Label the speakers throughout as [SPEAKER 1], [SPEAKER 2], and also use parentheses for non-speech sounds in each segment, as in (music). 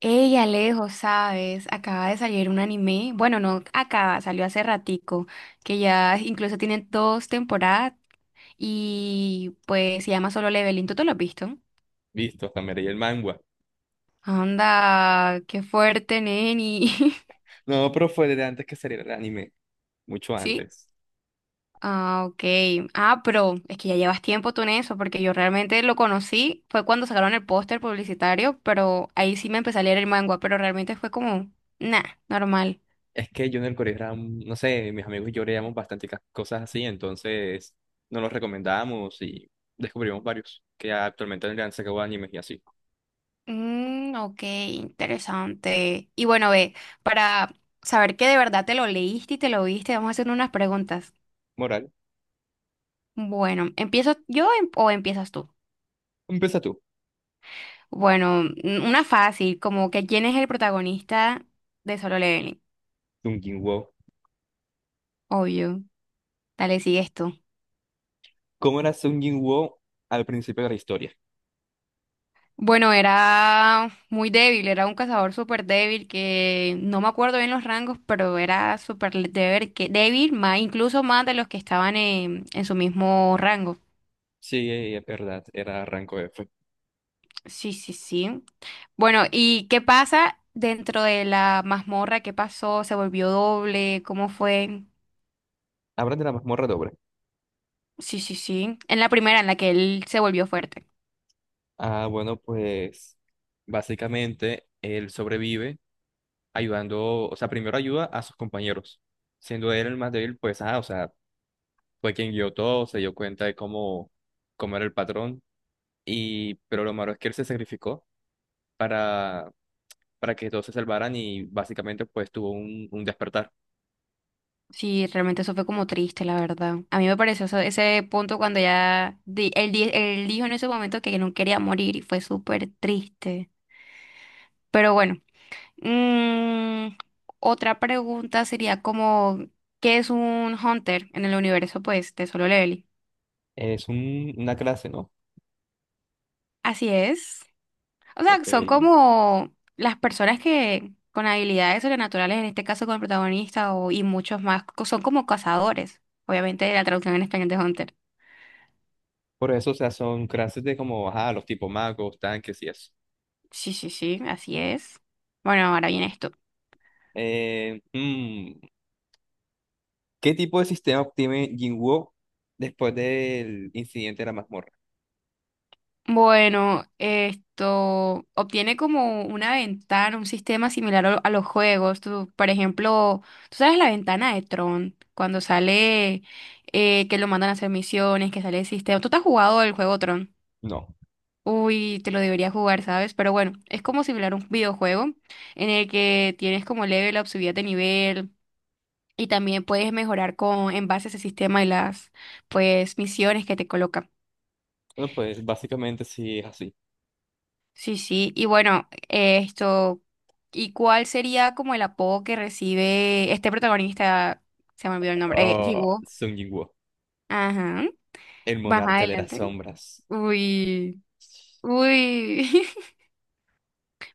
[SPEAKER 1] Ella lejos, ¿sabes? Acaba de salir un anime. Bueno, no acaba, salió hace ratico, que ya incluso tiene dos temporadas y pues se llama Solo Leveling. ¿Tú te lo has visto?
[SPEAKER 2] Visto, hasta me leí el manga.
[SPEAKER 1] Anda, qué fuerte, neni.
[SPEAKER 2] No, pero fue desde antes que saliera el anime, mucho
[SPEAKER 1] (laughs) ¿Sí?
[SPEAKER 2] antes.
[SPEAKER 1] Ah, ok. Ah, pero es que ya llevas tiempo tú en eso, porque yo realmente lo conocí, fue cuando sacaron el póster publicitario, pero ahí sí me empecé a leer el manga, pero realmente fue como, nah, normal.
[SPEAKER 2] Es que yo en el colegio era, no sé, mis amigos y yo leíamos bastante cosas así, entonces nos los recomendábamos y descubrimos varios que actualmente le han sacado animes y así.
[SPEAKER 1] Ok, interesante. Y bueno, ve, para saber que de verdad te lo leíste y te lo viste, vamos a hacer unas preguntas.
[SPEAKER 2] Moral,
[SPEAKER 1] Bueno, ¿empiezo yo o empiezas tú?
[SPEAKER 2] empieza tú.
[SPEAKER 1] Bueno, una fácil, como que ¿quién es el protagonista de Solo Leveling?
[SPEAKER 2] Sung Jinwoo.
[SPEAKER 1] Obvio. Dale, sigue esto.
[SPEAKER 2] ¿Cómo era Sung Jinwoo al principio de la historia?
[SPEAKER 1] Bueno, era muy débil, era un cazador súper débil que no me acuerdo bien los rangos, pero era súper débil, que, débil, más, incluso más de los que estaban en su mismo rango.
[SPEAKER 2] Sí, es verdad, era rango F.
[SPEAKER 1] Sí, sí, sí. Bueno, ¿y qué pasa dentro de la mazmorra? ¿Qué pasó? ¿Se volvió doble? ¿Cómo fue?
[SPEAKER 2] Hablan de la mazmorra doble.
[SPEAKER 1] Sí, sí, sí. En la primera, en la que él se volvió fuerte.
[SPEAKER 2] Ah, bueno, pues básicamente él sobrevive ayudando, o sea, primero ayuda a sus compañeros. Siendo él el más débil, pues, o sea, fue quien guió todo, se dio cuenta de cómo era el patrón. Y, pero lo malo es que él se sacrificó para, para que todos se salvaran y básicamente, pues, tuvo un despertar.
[SPEAKER 1] Sí, realmente eso fue como triste, la verdad. A mí me pareció ese punto cuando ya él dijo en ese momento que no quería morir y fue súper triste. Pero bueno, mm, otra pregunta sería como, ¿qué es un hunter en el universo, pues, de Solo Leveling?
[SPEAKER 2] Es una clase, ¿no?
[SPEAKER 1] Así es. O sea,
[SPEAKER 2] Ok.
[SPEAKER 1] son como las personas que con habilidades sobrenaturales, en este caso con el protagonista o, y muchos más, son como cazadores. Obviamente la traducción en español de Hunter.
[SPEAKER 2] Por eso, o sea, son clases de como, ajá, los tipos magos, tanques y eso.
[SPEAKER 1] Sí, sí, sí, así es. Bueno, ahora viene esto.
[SPEAKER 2] Eh, mm, ¿Qué tipo de sistema obtiene Jinwoo después del incidente de la mazmorra?
[SPEAKER 1] Bueno, esto obtiene como una ventana, un sistema similar a a los juegos. Tú, por ejemplo, tú sabes la ventana de Tron, cuando sale que lo mandan a hacer misiones, que sale el sistema. ¿Tú te has jugado el juego Tron?
[SPEAKER 2] No.
[SPEAKER 1] Uy, te lo debería jugar, ¿sabes? Pero bueno, es como similar a un videojuego en el que tienes como level up, subida de nivel y también puedes mejorar con en base a ese sistema y las pues misiones que te coloca.
[SPEAKER 2] Bueno, pues básicamente sí es así.
[SPEAKER 1] Sí, sí. Y bueno, esto, ¿y cuál sería como el apodo que recibe este protagonista? Se me olvidó el nombre.
[SPEAKER 2] Oh,
[SPEAKER 1] Llegó.
[SPEAKER 2] Sung Jinwoo,
[SPEAKER 1] Ajá.
[SPEAKER 2] el
[SPEAKER 1] Baja
[SPEAKER 2] monarca de las
[SPEAKER 1] adelante.
[SPEAKER 2] sombras.
[SPEAKER 1] Uy. Uy. (laughs)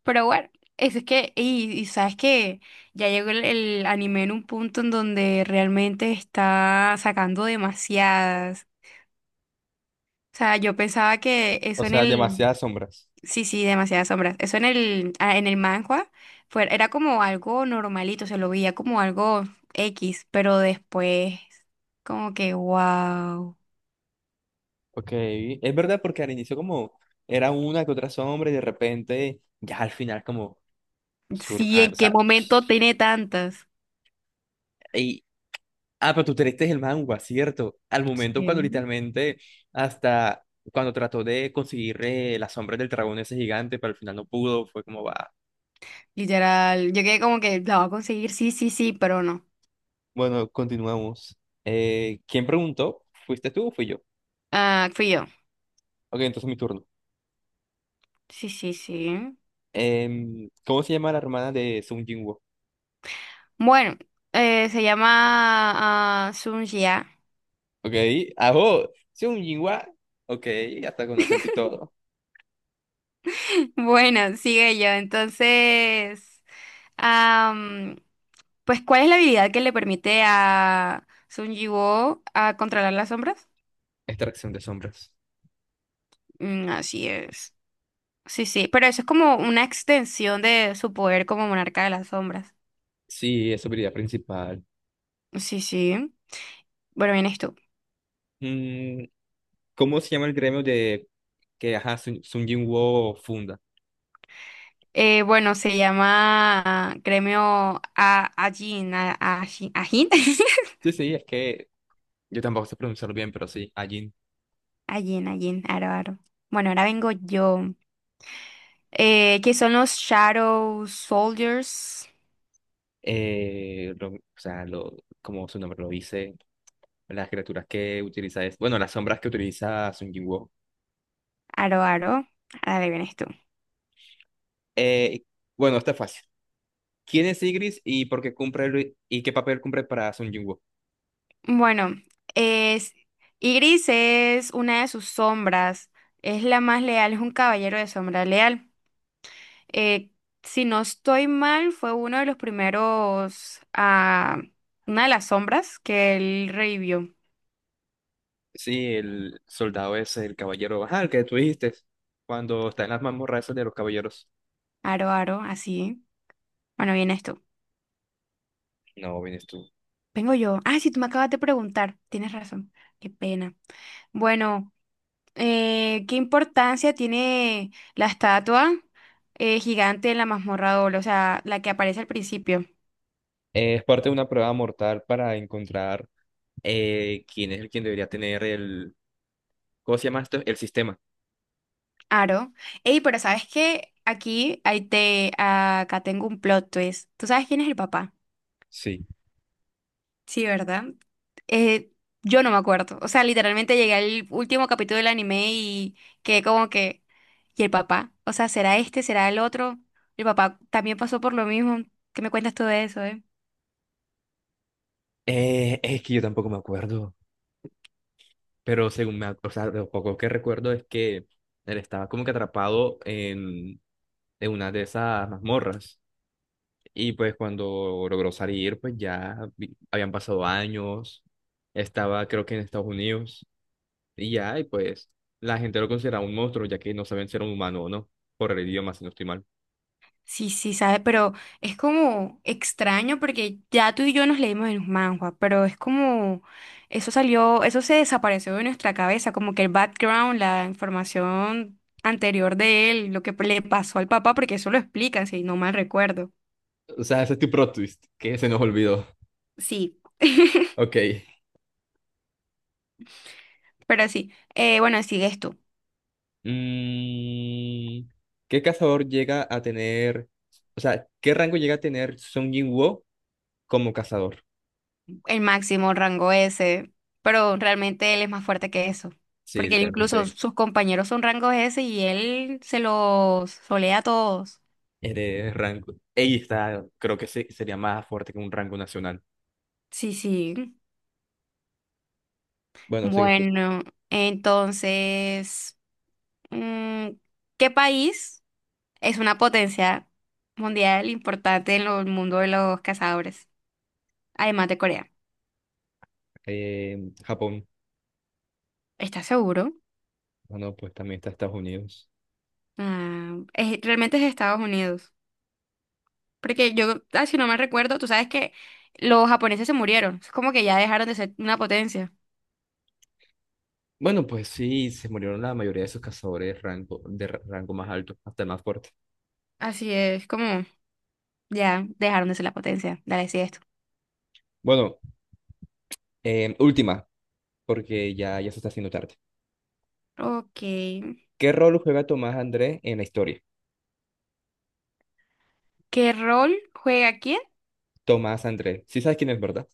[SPEAKER 1] Pero bueno, es que, y sabes que ya llegó el anime en un punto en donde realmente está sacando demasiadas. O sea, yo pensaba que
[SPEAKER 2] O
[SPEAKER 1] eso en
[SPEAKER 2] sea,
[SPEAKER 1] el,
[SPEAKER 2] demasiadas sombras.
[SPEAKER 1] sí, sí, demasiadas sombras. Eso en el, ah, en el manhwa fue, era como algo normalito, se lo veía como algo X, pero después, como que, wow.
[SPEAKER 2] Ok, es verdad porque al inicio como era una que otra sombra y de repente ya al final como
[SPEAKER 1] Sí,
[SPEAKER 2] surja, o
[SPEAKER 1] ¿en qué
[SPEAKER 2] sea, psh,
[SPEAKER 1] momento tiene tantas?
[SPEAKER 2] y, ah, pero tú te leíste el manga, ¿cierto? Al momento cuando
[SPEAKER 1] Sí.
[SPEAKER 2] literalmente hasta cuando trató de conseguir las sombras del dragón ese gigante, pero al final no pudo, fue como va.
[SPEAKER 1] Literal, yo quedé como que la va a conseguir, sí, sí, sí, pero no.
[SPEAKER 2] Bueno, continuamos. ¿Quién preguntó? ¿Fuiste tú o fui yo?
[SPEAKER 1] Ah, fui yo.
[SPEAKER 2] Ok, entonces mi turno.
[SPEAKER 1] Sí, sí, sí.
[SPEAKER 2] Em, ¿cómo se llama la hermana de Sung Jinwoo?
[SPEAKER 1] Bueno, se llama Sun Ya.
[SPEAKER 2] Ok, ajo, Sung Jinwoo. Ok, hasta con acento y todo.
[SPEAKER 1] (laughs) Bueno, sigue yo. Entonces, am, pues, ¿cuál es la habilidad que le permite a Sun Jiwoo a controlar las sombras?
[SPEAKER 2] Extracción de sombras.
[SPEAKER 1] Así es. Sí, sí. Pero eso es como una extensión de su poder como monarca de las sombras.
[SPEAKER 2] Sí, es su habilidad principal.
[SPEAKER 1] Sí, sí. Bueno, vienes tú.
[SPEAKER 2] Mm, ¿cómo se llama el gremio de que ajá, Sun, Sung Jinwoo funda?
[SPEAKER 1] Bueno, se llama Gremio a Ajin. A, Ajin. Ajin. (laughs)
[SPEAKER 2] Sí, sí, es que yo tampoco sé pronunciarlo bien, pero sí, Ajin.
[SPEAKER 1] Allí, allí, aro, aro. Bueno, ahora vengo yo. ¿Qué son los Shadow Soldiers?
[SPEAKER 2] Eh, lo- o sea, lo, como su nombre lo dice, las criaturas que utiliza es, bueno, las sombras que utiliza Sun Jinwoo.
[SPEAKER 1] Aro, aro. Ahora vienes tú.
[SPEAKER 2] Eh, bueno, está fácil. ¿Quién es Sigris y por qué cumple y qué papel cumple para Sung Jinwoo?
[SPEAKER 1] Bueno, es... Ygritte es una de sus sombras. Es la más leal, es un caballero de sombra leal. Eh, si no estoy mal, fue uno de los primeros... ah, una de las sombras que él revivió.
[SPEAKER 2] Sí, el soldado es el caballero, ajá, el que tú dijiste, cuando está en las mazmorras esas de los caballeros.
[SPEAKER 1] Aro, aro, así. Bueno, viene esto.
[SPEAKER 2] No, vienes tú.
[SPEAKER 1] Vengo yo. Ah, sí, tú me acabas de preguntar. Tienes razón. Qué pena. Bueno, ¿qué importancia tiene la estatua gigante en la mazmorra doble? O sea, la que aparece al principio.
[SPEAKER 2] Es parte de una prueba mortal para encontrar quién es el quien debería tener el, ¿cómo se llama esto? El sistema.
[SPEAKER 1] Aro. Ey, pero ¿sabes qué? Aquí, ahí te, acá tengo un plot twist. ¿Tú sabes quién es el papá?
[SPEAKER 2] Sí.
[SPEAKER 1] Sí, ¿verdad? Eh, yo no me acuerdo. O sea, literalmente llegué al último capítulo del anime y quedé como que... ¿Y el papá? O sea, ¿será este? ¿Será el otro? ¿El papá también pasó por lo mismo? ¿Qué me cuentas tú de eso, eh?
[SPEAKER 2] Es que yo tampoco me acuerdo, pero según me, o sea, lo poco que recuerdo es que él estaba como que atrapado en una de esas mazmorras. Y pues cuando logró salir, pues ya habían pasado años, estaba creo que en Estados Unidos, y ya, y pues la gente lo consideraba un monstruo, ya que no sabían si era un humano o no, por el idioma, si no estoy mal.
[SPEAKER 1] Sí, sí, sabe, pero es como extraño porque ya tú y yo nos leímos en los manhwa, pero es como eso salió, eso se desapareció de nuestra cabeza, como que el background, la información anterior de él, lo que le pasó al papá, porque eso lo explican, si no mal recuerdo.
[SPEAKER 2] O sea, ese es tu plot twist, que se nos olvidó.
[SPEAKER 1] Sí, (laughs)
[SPEAKER 2] Ok.
[SPEAKER 1] pero sí, bueno, sigues tú,
[SPEAKER 2] Mm, ¿qué cazador llega a tener, o sea, qué rango llega a tener Sung Jin como cazador?
[SPEAKER 1] el máximo rango S, pero realmente él es más fuerte que eso,
[SPEAKER 2] Sí,
[SPEAKER 1] porque él incluso
[SPEAKER 2] literalmente,
[SPEAKER 1] sus compañeros son rangos S y él se los solea a todos.
[SPEAKER 2] eres rango. Ella está, creo que sería más fuerte que un rango nacional.
[SPEAKER 1] Sí, sí.
[SPEAKER 2] Bueno, sí que
[SPEAKER 1] Bueno, entonces, mm, ¿qué país es una potencia mundial importante en el mundo de los cazadores? Además de Corea.
[SPEAKER 2] eh, Japón.
[SPEAKER 1] ¿Estás seguro?
[SPEAKER 2] Ah, no, pues también está Estados Unidos.
[SPEAKER 1] Ah, realmente es Estados Unidos. Porque yo, ah, si no me recuerdo, tú sabes que los japoneses se murieron. Es como que ya dejaron de ser una potencia.
[SPEAKER 2] Bueno, pues sí, se murieron la mayoría de esos cazadores de rango, de rango más alto, hasta el más fuerte.
[SPEAKER 1] Así es, como ya dejaron de ser la potencia. Dale, sí, esto.
[SPEAKER 2] Bueno, última, porque ya se está haciendo tarde.
[SPEAKER 1] Ok.
[SPEAKER 2] ¿Qué rol juega Tomás Andrés en la historia?
[SPEAKER 1] ¿Qué rol juega quién?
[SPEAKER 2] Tomás Andrés. Sí sabes quién es, ¿verdad?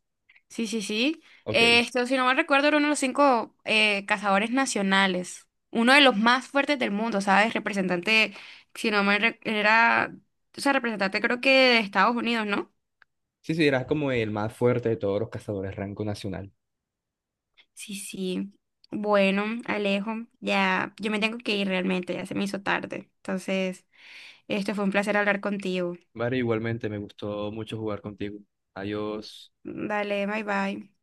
[SPEAKER 1] Sí, sí, sí.
[SPEAKER 2] Ok.
[SPEAKER 1] Esto, si no mal recuerdo, era uno de los 5 cazadores nacionales. Uno de los más fuertes del mundo, ¿sabes? Representante, si no era, o sea, representante creo que de Estados Unidos, ¿no?
[SPEAKER 2] Sí, sí, era como el más fuerte de todos los cazadores rango nacional.
[SPEAKER 1] Sí, sí. Bueno, Alejo, ya, yo me tengo que ir realmente, ya se me hizo tarde. Entonces, esto fue un placer hablar contigo.
[SPEAKER 2] Vale, igualmente me gustó mucho jugar contigo. Adiós.
[SPEAKER 1] Dale, bye bye.